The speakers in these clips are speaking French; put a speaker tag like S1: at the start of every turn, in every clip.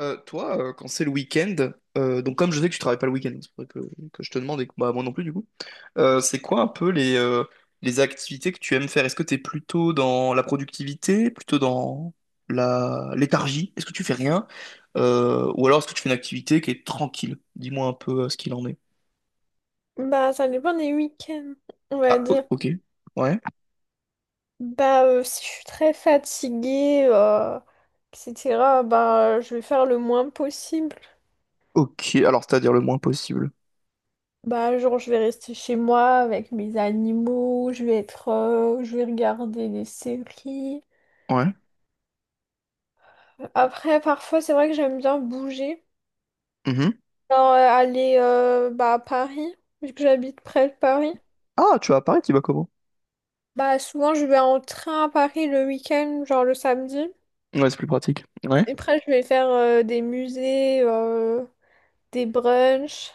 S1: Toi, quand c'est le week-end, donc comme je sais que tu travailles pas le week-end, c'est pour ça que je te demande et que moi non plus du coup, c'est quoi un peu les les activités que tu aimes faire? Est-ce que tu es plutôt dans la productivité, plutôt dans la léthargie? Est-ce que tu fais rien? Ou alors est-ce que tu fais une activité qui est tranquille? Dis-moi un peu ce qu'il en est.
S2: Bah, ça dépend des week-ends, on va
S1: Ah,
S2: dire.
S1: ok. Ouais.
S2: Si je suis très fatiguée, etc., je vais faire le moins possible.
S1: Ok, alors c'est-à-dire le moins possible.
S2: Genre, je vais rester chez moi avec mes animaux, je vais regarder des séries.
S1: Ouais.
S2: Après, parfois, c'est vrai que j'aime bien bouger.
S1: Mhm.
S2: Aller, à Paris, vu que j'habite près de Paris.
S1: Ah, tu vas à Paris, tu vas comment?
S2: Bah, souvent, je vais en train à Paris le week-end, genre le samedi.
S1: Ouais, c'est plus pratique. Ouais.
S2: Et après, je vais faire des musées, des brunchs,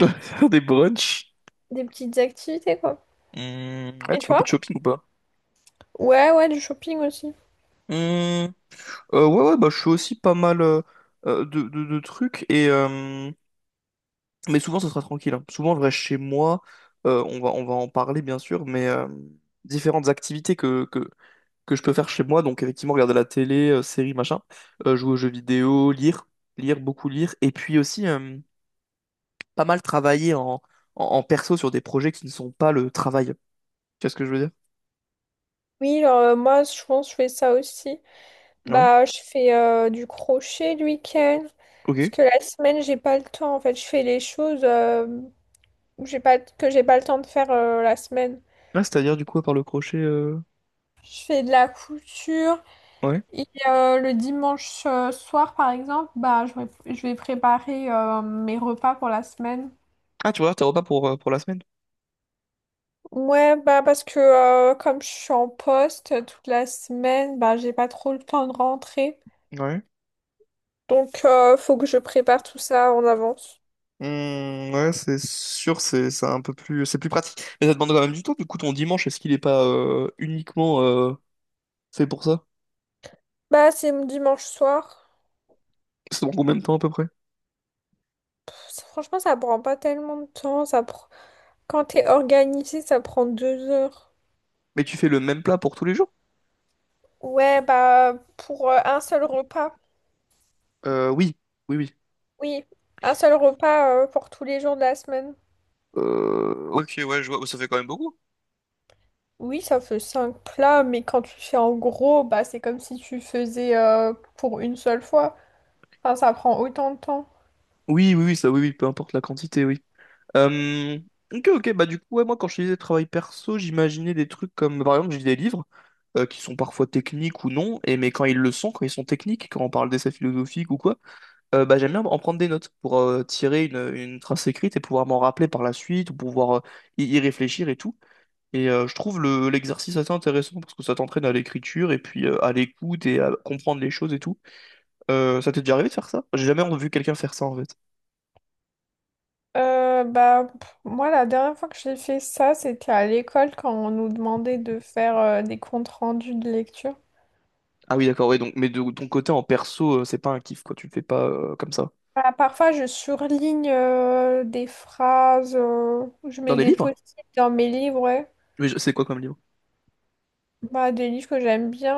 S1: faire des brunchs.
S2: des petites activités, quoi.
S1: Hmm, ouais,
S2: Et
S1: tu fais un peu de
S2: toi?
S1: shopping ou pas?
S2: Ouais, ouais, du shopping aussi.
S1: Hmm, ouais, bah, je fais aussi pas mal de trucs, et mais souvent ça sera tranquille, hein. Souvent je reste chez moi, on va en parler bien sûr, mais différentes activités que je peux faire chez moi, donc effectivement regarder la télé, séries, machin, jouer aux jeux vidéo, lire, beaucoup lire, et puis aussi pas mal travailler en perso sur des projets qui ne sont pas le travail. Tu vois ce que je veux dire?
S2: Oui, moi, je pense que je fais ça aussi.
S1: Ouais,
S2: Bah, je fais du crochet le week-end. Parce
S1: ok.
S2: que la semaine, j'ai pas le temps. En fait, je fais les choses où j'ai pas, que j'ai pas le temps de faire la semaine.
S1: Là, c'est-à-dire du coup, à part le crochet,
S2: Je fais de la couture.
S1: ouais.
S2: Et le dimanche soir, par exemple, bah, je vais préparer mes repas pour la semaine.
S1: Ah, tu vois, tes repas pour la semaine?
S2: Ouais, bah parce que comme je suis en poste toute la semaine, bah j'ai pas trop le temps de rentrer.
S1: Ouais.
S2: Donc faut que je prépare tout ça en avance.
S1: Hmm, ouais, c'est sûr, c'est un peu plus, c'est plus pratique. Mais ça demande quand même du temps. Du coup, ton dimanche, est-ce qu'il est pas uniquement fait pour ça?
S2: Bah c'est dimanche soir.
S1: C'est dans combien de temps à peu près?
S2: Franchement, ça prend pas tellement de temps. Quand t'es organisé, ça prend 2 heures.
S1: Mais tu fais le même plat pour tous les jours?
S2: Ouais, bah pour un seul repas.
S1: Oui, oui.
S2: Oui, un seul repas pour tous les jours de la semaine.
S1: Ouais. Ok, ouais, je vois, ça fait quand même beaucoup.
S2: Oui, ça fait 5 plats, mais quand tu fais en gros, bah c'est comme si tu faisais pour une seule fois. Enfin, ça prend autant de temps.
S1: Oui, oui, oui, ça, oui, oui, peu importe la quantité, oui. Euh, ok, ok, bah du coup, ouais, moi, quand je faisais disais travail perso, j'imaginais des trucs comme, par exemple, j'ai des livres qui sont parfois techniques ou non, et mais quand ils le sont, quand ils sont techniques, quand on parle d'essais philosophiques ou quoi. Bah, j'aime bien en prendre des notes pour tirer une trace écrite et pouvoir m'en rappeler par la suite ou pouvoir y réfléchir et tout. Et je trouve l'exercice assez intéressant parce que ça t'entraîne à l'écriture et puis à l'écoute et à comprendre les choses et tout. Ça t'est déjà arrivé de faire ça? J'ai jamais vu quelqu'un faire ça en fait.
S2: Moi, la dernière fois que j'ai fait ça, c'était à l'école quand on nous demandait de faire des comptes rendus de lecture.
S1: Ah oui, d'accord, oui, donc, mais de ton côté en perso, c'est pas un kiff quoi, tu le fais pas comme ça.
S2: Bah, parfois, je surligne des phrases, je
S1: Dans
S2: mets
S1: des
S2: des
S1: livres?
S2: post-it dans mes livres, ouais.
S1: C'est quoi comme livre?
S2: Bah, des livres que j'aime bien,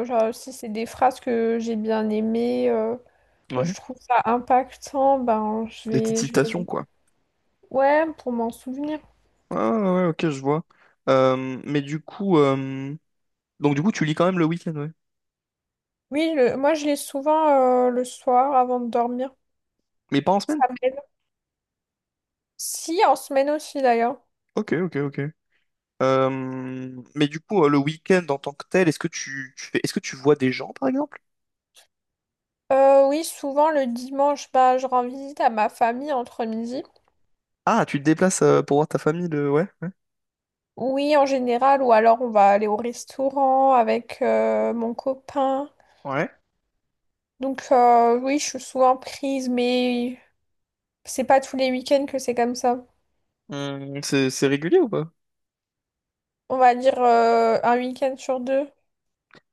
S2: genre si c'est des phrases que j'ai bien aimées, que
S1: Ouais.
S2: je trouve ça impactant, ben,
S1: Des petites
S2: je
S1: citations
S2: vais...
S1: quoi.
S2: Ouais, pour m'en souvenir.
S1: Ah ouais, ok, je vois. Euh, mais du coup, euh, donc du coup, tu lis quand même le week-end, ouais.
S2: Oui, moi, je lis souvent le soir avant de dormir.
S1: Mais pas en semaine?
S2: Ça m'aide. Si, en semaine aussi d'ailleurs.
S1: Ok, ok, ok. Mais du coup, le week-end en tant que tel, est-ce que tu fais, est-ce que tu vois des gens, par exemple?
S2: Oui, souvent le dimanche, bah, je rends visite à ma famille entre midi.
S1: Ah, tu te déplaces pour voir ta famille le... Ouais.
S2: Oui, en général, ou alors on va aller au restaurant avec mon copain.
S1: Ouais.
S2: Donc oui, je suis souvent prise, mais c'est pas tous les week-ends que c'est comme ça.
S1: C'est régulier ou pas?
S2: On va dire un week-end sur deux.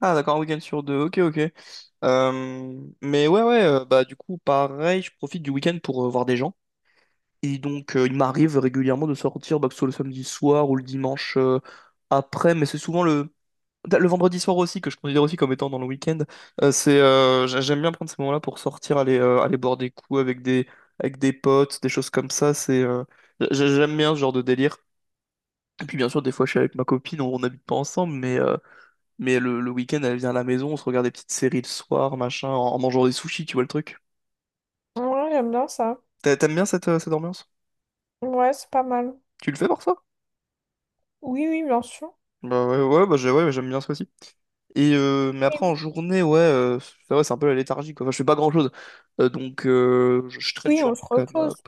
S1: Ah, d'accord, un week-end sur deux. Ok, ok. Mais ouais, ouais, bah du coup, pareil, je profite du week-end pour voir des gens. Et donc, il m'arrive régulièrement de sortir, bah, que ce soit le samedi soir ou le dimanche après, mais c'est souvent le vendredi soir aussi, que je considère aussi comme étant dans le week-end, j'aime bien prendre ces moments-là pour sortir, aller boire des coups avec avec des potes, des choses comme ça. J'aime bien ce genre de délire. Et puis bien sûr, des fois, je suis avec ma copine, on n'habite pas ensemble, mais le week-end, elle vient à la maison, on se regarde des petites séries le soir, machin, en mangeant des sushis, tu vois le truc.
S2: Ouais, j'aime bien ça.
S1: T'aimes bien cette cette ambiance?
S2: Ouais, c'est pas mal.
S1: Tu le fais pour ça.
S2: Oui, oui, bien sûr.
S1: Bah ouais, ouais, ouais, j'aime bien ça aussi. Et mais après en journée, ouais, ça va, c'est un peu la léthargie, quoi. Enfin, je fais pas grand-chose. Donc je traîne
S2: Oui,
S1: sur
S2: on
S1: mon
S2: se repose.
S1: canapé.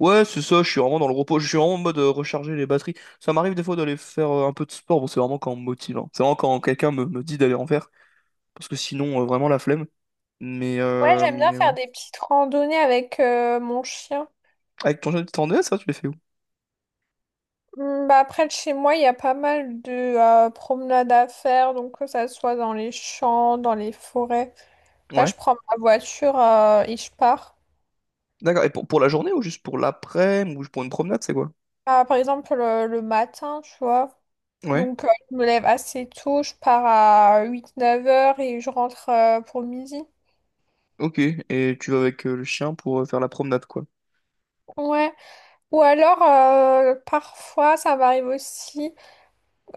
S1: Ouais, c'est ça, je suis vraiment dans le repos. Je suis vraiment en mode recharger les batteries. Ça m'arrive des fois d'aller faire un peu de sport. Bon, c'est vraiment quand on me motive, hein. C'est vraiment quand me dit d'aller en faire. Parce que sinon, vraiment la flemme.
S2: Ouais, j'aime bien
S1: Mais ouais.
S2: faire des petites randonnées avec mon chien.
S1: Avec ton jeune, tu t'en es, ça, tu les fais où?
S2: Hmm. Bah après, de chez moi, il y a pas mal de promenades à faire, donc que ça soit dans les champs, dans les forêts. Bah,
S1: Ouais.
S2: je prends ma voiture et je pars.
S1: D'accord. Et pour la journée ou juste pour l'après-midi ou pour une promenade, c'est quoi?
S2: Ah, par exemple, le matin, tu vois.
S1: Ouais.
S2: Donc, je me lève assez tôt, je pars à 8 9 heures et je rentre pour midi.
S1: Ok. Et tu vas avec le chien pour faire la promenade, quoi.
S2: Ouais. Ou alors, parfois, ça m'arrive aussi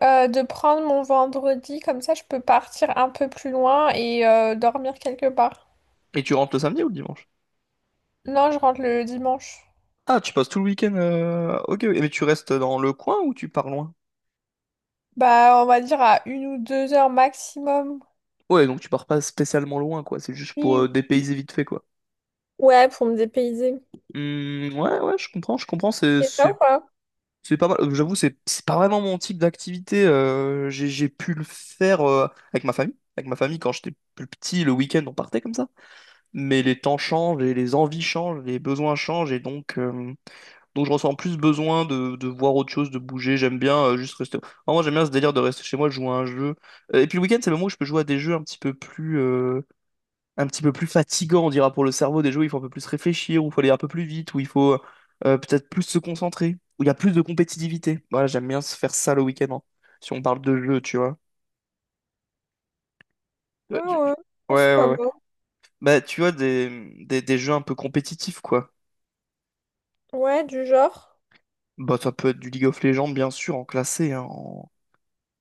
S2: de prendre mon vendredi, comme ça, je peux partir un peu plus loin et dormir quelque part.
S1: Et tu rentres le samedi ou le dimanche?
S2: Non, je rentre le dimanche.
S1: Ah, tu passes tout le week-end. Ok, ok. Mais tu restes dans le coin ou tu pars loin?
S2: Bah, on va dire à 1 ou 2 heures maximum.
S1: Ouais, donc tu pars pas spécialement loin, quoi. C'est juste pour
S2: Oui.
S1: dépayser vite fait, quoi.
S2: Ouais, pour me dépayser.
S1: Hmm, ouais, ouais, je comprends, je comprends.
S2: Et ça ou pas?
S1: C'est pas mal. J'avoue, c'est pas vraiment mon type d'activité. J'ai pu le faire avec ma famille. Avec ma famille, quand j'étais plus petit, le week-end, on partait comme ça. Mais les temps changent et les envies changent, les besoins changent et donc. Donc je ressens plus besoin de voir autre chose, de bouger. J'aime bien juste rester. Vraiment, moi j'aime bien ce délire de rester chez moi, de jouer à un jeu. Et puis le week-end, c'est le moment où je peux jouer à des jeux un petit peu plus fatigants, on dira pour le cerveau. Des jeux où il faut un peu plus réfléchir, où il faut aller un peu plus vite, où il faut peut-être plus se concentrer, où il y a plus de compétitivité. Voilà, j'aime bien se faire ça le week-end, hein, si on parle de jeux, tu vois. Ouais,
S2: Ouais, ouais. Oh, c'est
S1: ouais,
S2: pas
S1: ouais,
S2: mal.
S1: ouais. Bah tu vois des jeux un peu compétitifs, quoi.
S2: Ouais, du genre.
S1: Bah ça peut être du League of Legends, bien sûr, en classé, hein,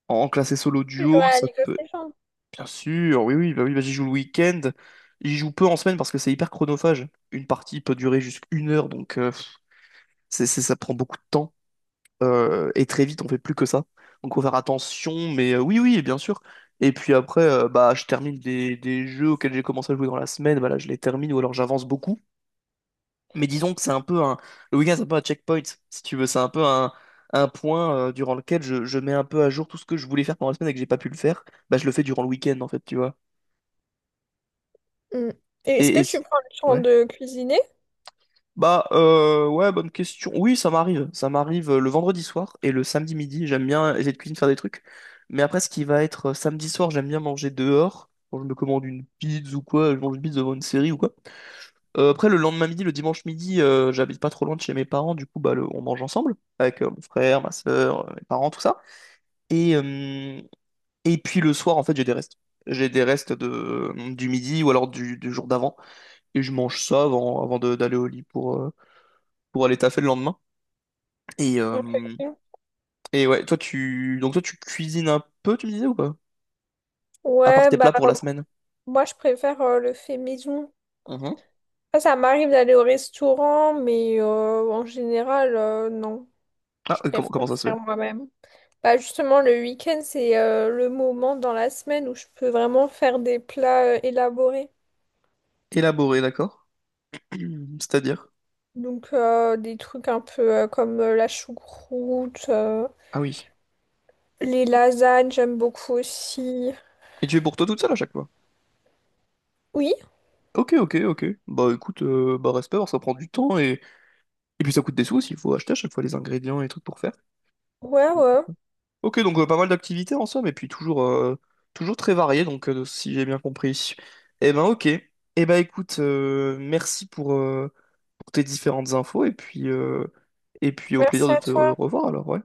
S1: en classé solo
S2: Tu joues
S1: duo,
S2: à
S1: ça
S2: League of
S1: peut.
S2: Legends.
S1: Bien sûr, oui, oui, bah j'y joue le week-end. J'y joue peu en semaine parce que c'est hyper chronophage. Une partie peut durer jusqu'à une heure, donc ça prend beaucoup de temps. Et très vite, on fait plus que ça. Donc faut faire attention, mais oui, oui, bien sûr. Et puis après, bah, je termine des jeux auxquels j'ai commencé à jouer dans la semaine, voilà, je les termine ou alors j'avance beaucoup. Mais disons que c'est un peu un... Le week-end, c'est un peu un checkpoint, si tu veux. C'est un peu un point durant lequel je mets un peu à jour tout ce que je voulais faire pendant la semaine et que j'ai pas pu le faire. Bah, je le fais durant le week-end, en fait, tu vois.
S2: Mm. Et est-ce
S1: Et...
S2: que tu prends le temps
S1: Ouais.
S2: de cuisiner?
S1: Bah ouais bonne question. Oui ça m'arrive le vendredi soir et le samedi midi. J'aime bien essayer de cuisiner faire des trucs. Mais après ce qui va être samedi soir j'aime bien manger dehors. Quand je me commande une pizza ou quoi, je mange une pizza devant une série ou quoi. Après le lendemain midi, le dimanche midi, j'habite pas trop loin de chez mes parents. Du coup on mange ensemble avec mon frère, ma soeur, mes parents tout ça. Et euh, et puis le soir en fait j'ai des restes. J'ai des restes de du midi ou alors du jour d'avant et je mange ça avant d'aller au lit pour aller taffer le lendemain. Et, euh,
S2: Ok.
S1: et ouais, toi tu cuisines un peu, tu me disais ou pas? À part
S2: Ouais,
S1: tes
S2: bah
S1: plats pour la semaine.
S2: moi je préfère le fait maison.
S1: Mhm.
S2: Ça m'arrive d'aller au restaurant, mais en général, non.
S1: Ah,
S2: Je préfère
S1: comment ça se fait?
S2: faire moi-même. Bah justement, le week-end, c'est le moment dans la semaine où je peux vraiment faire des plats élaborés.
S1: Élaboré, d'accord. C'est-à-dire?
S2: Donc des trucs un peu comme la choucroute,
S1: Ah oui.
S2: les lasagnes, j'aime beaucoup aussi.
S1: Et tu es pour toi toute seule à chaque fois?
S2: Oui,
S1: Ok, ok, ok. Bah écoute, bah respect, alors ça prend du temps et puis ça coûte des sous aussi, il faut acheter à chaque fois les ingrédients et les trucs pour faire.
S2: ouais, ouais.
S1: Ok, donc pas mal d'activités en somme, et puis toujours, toujours très varié, donc si j'ai bien compris. Eh ben ok. Eh ben écoute, merci pour tes différentes infos et puis au plaisir
S2: Merci
S1: de
S2: à
S1: te
S2: toi.
S1: revoir alors, ouais.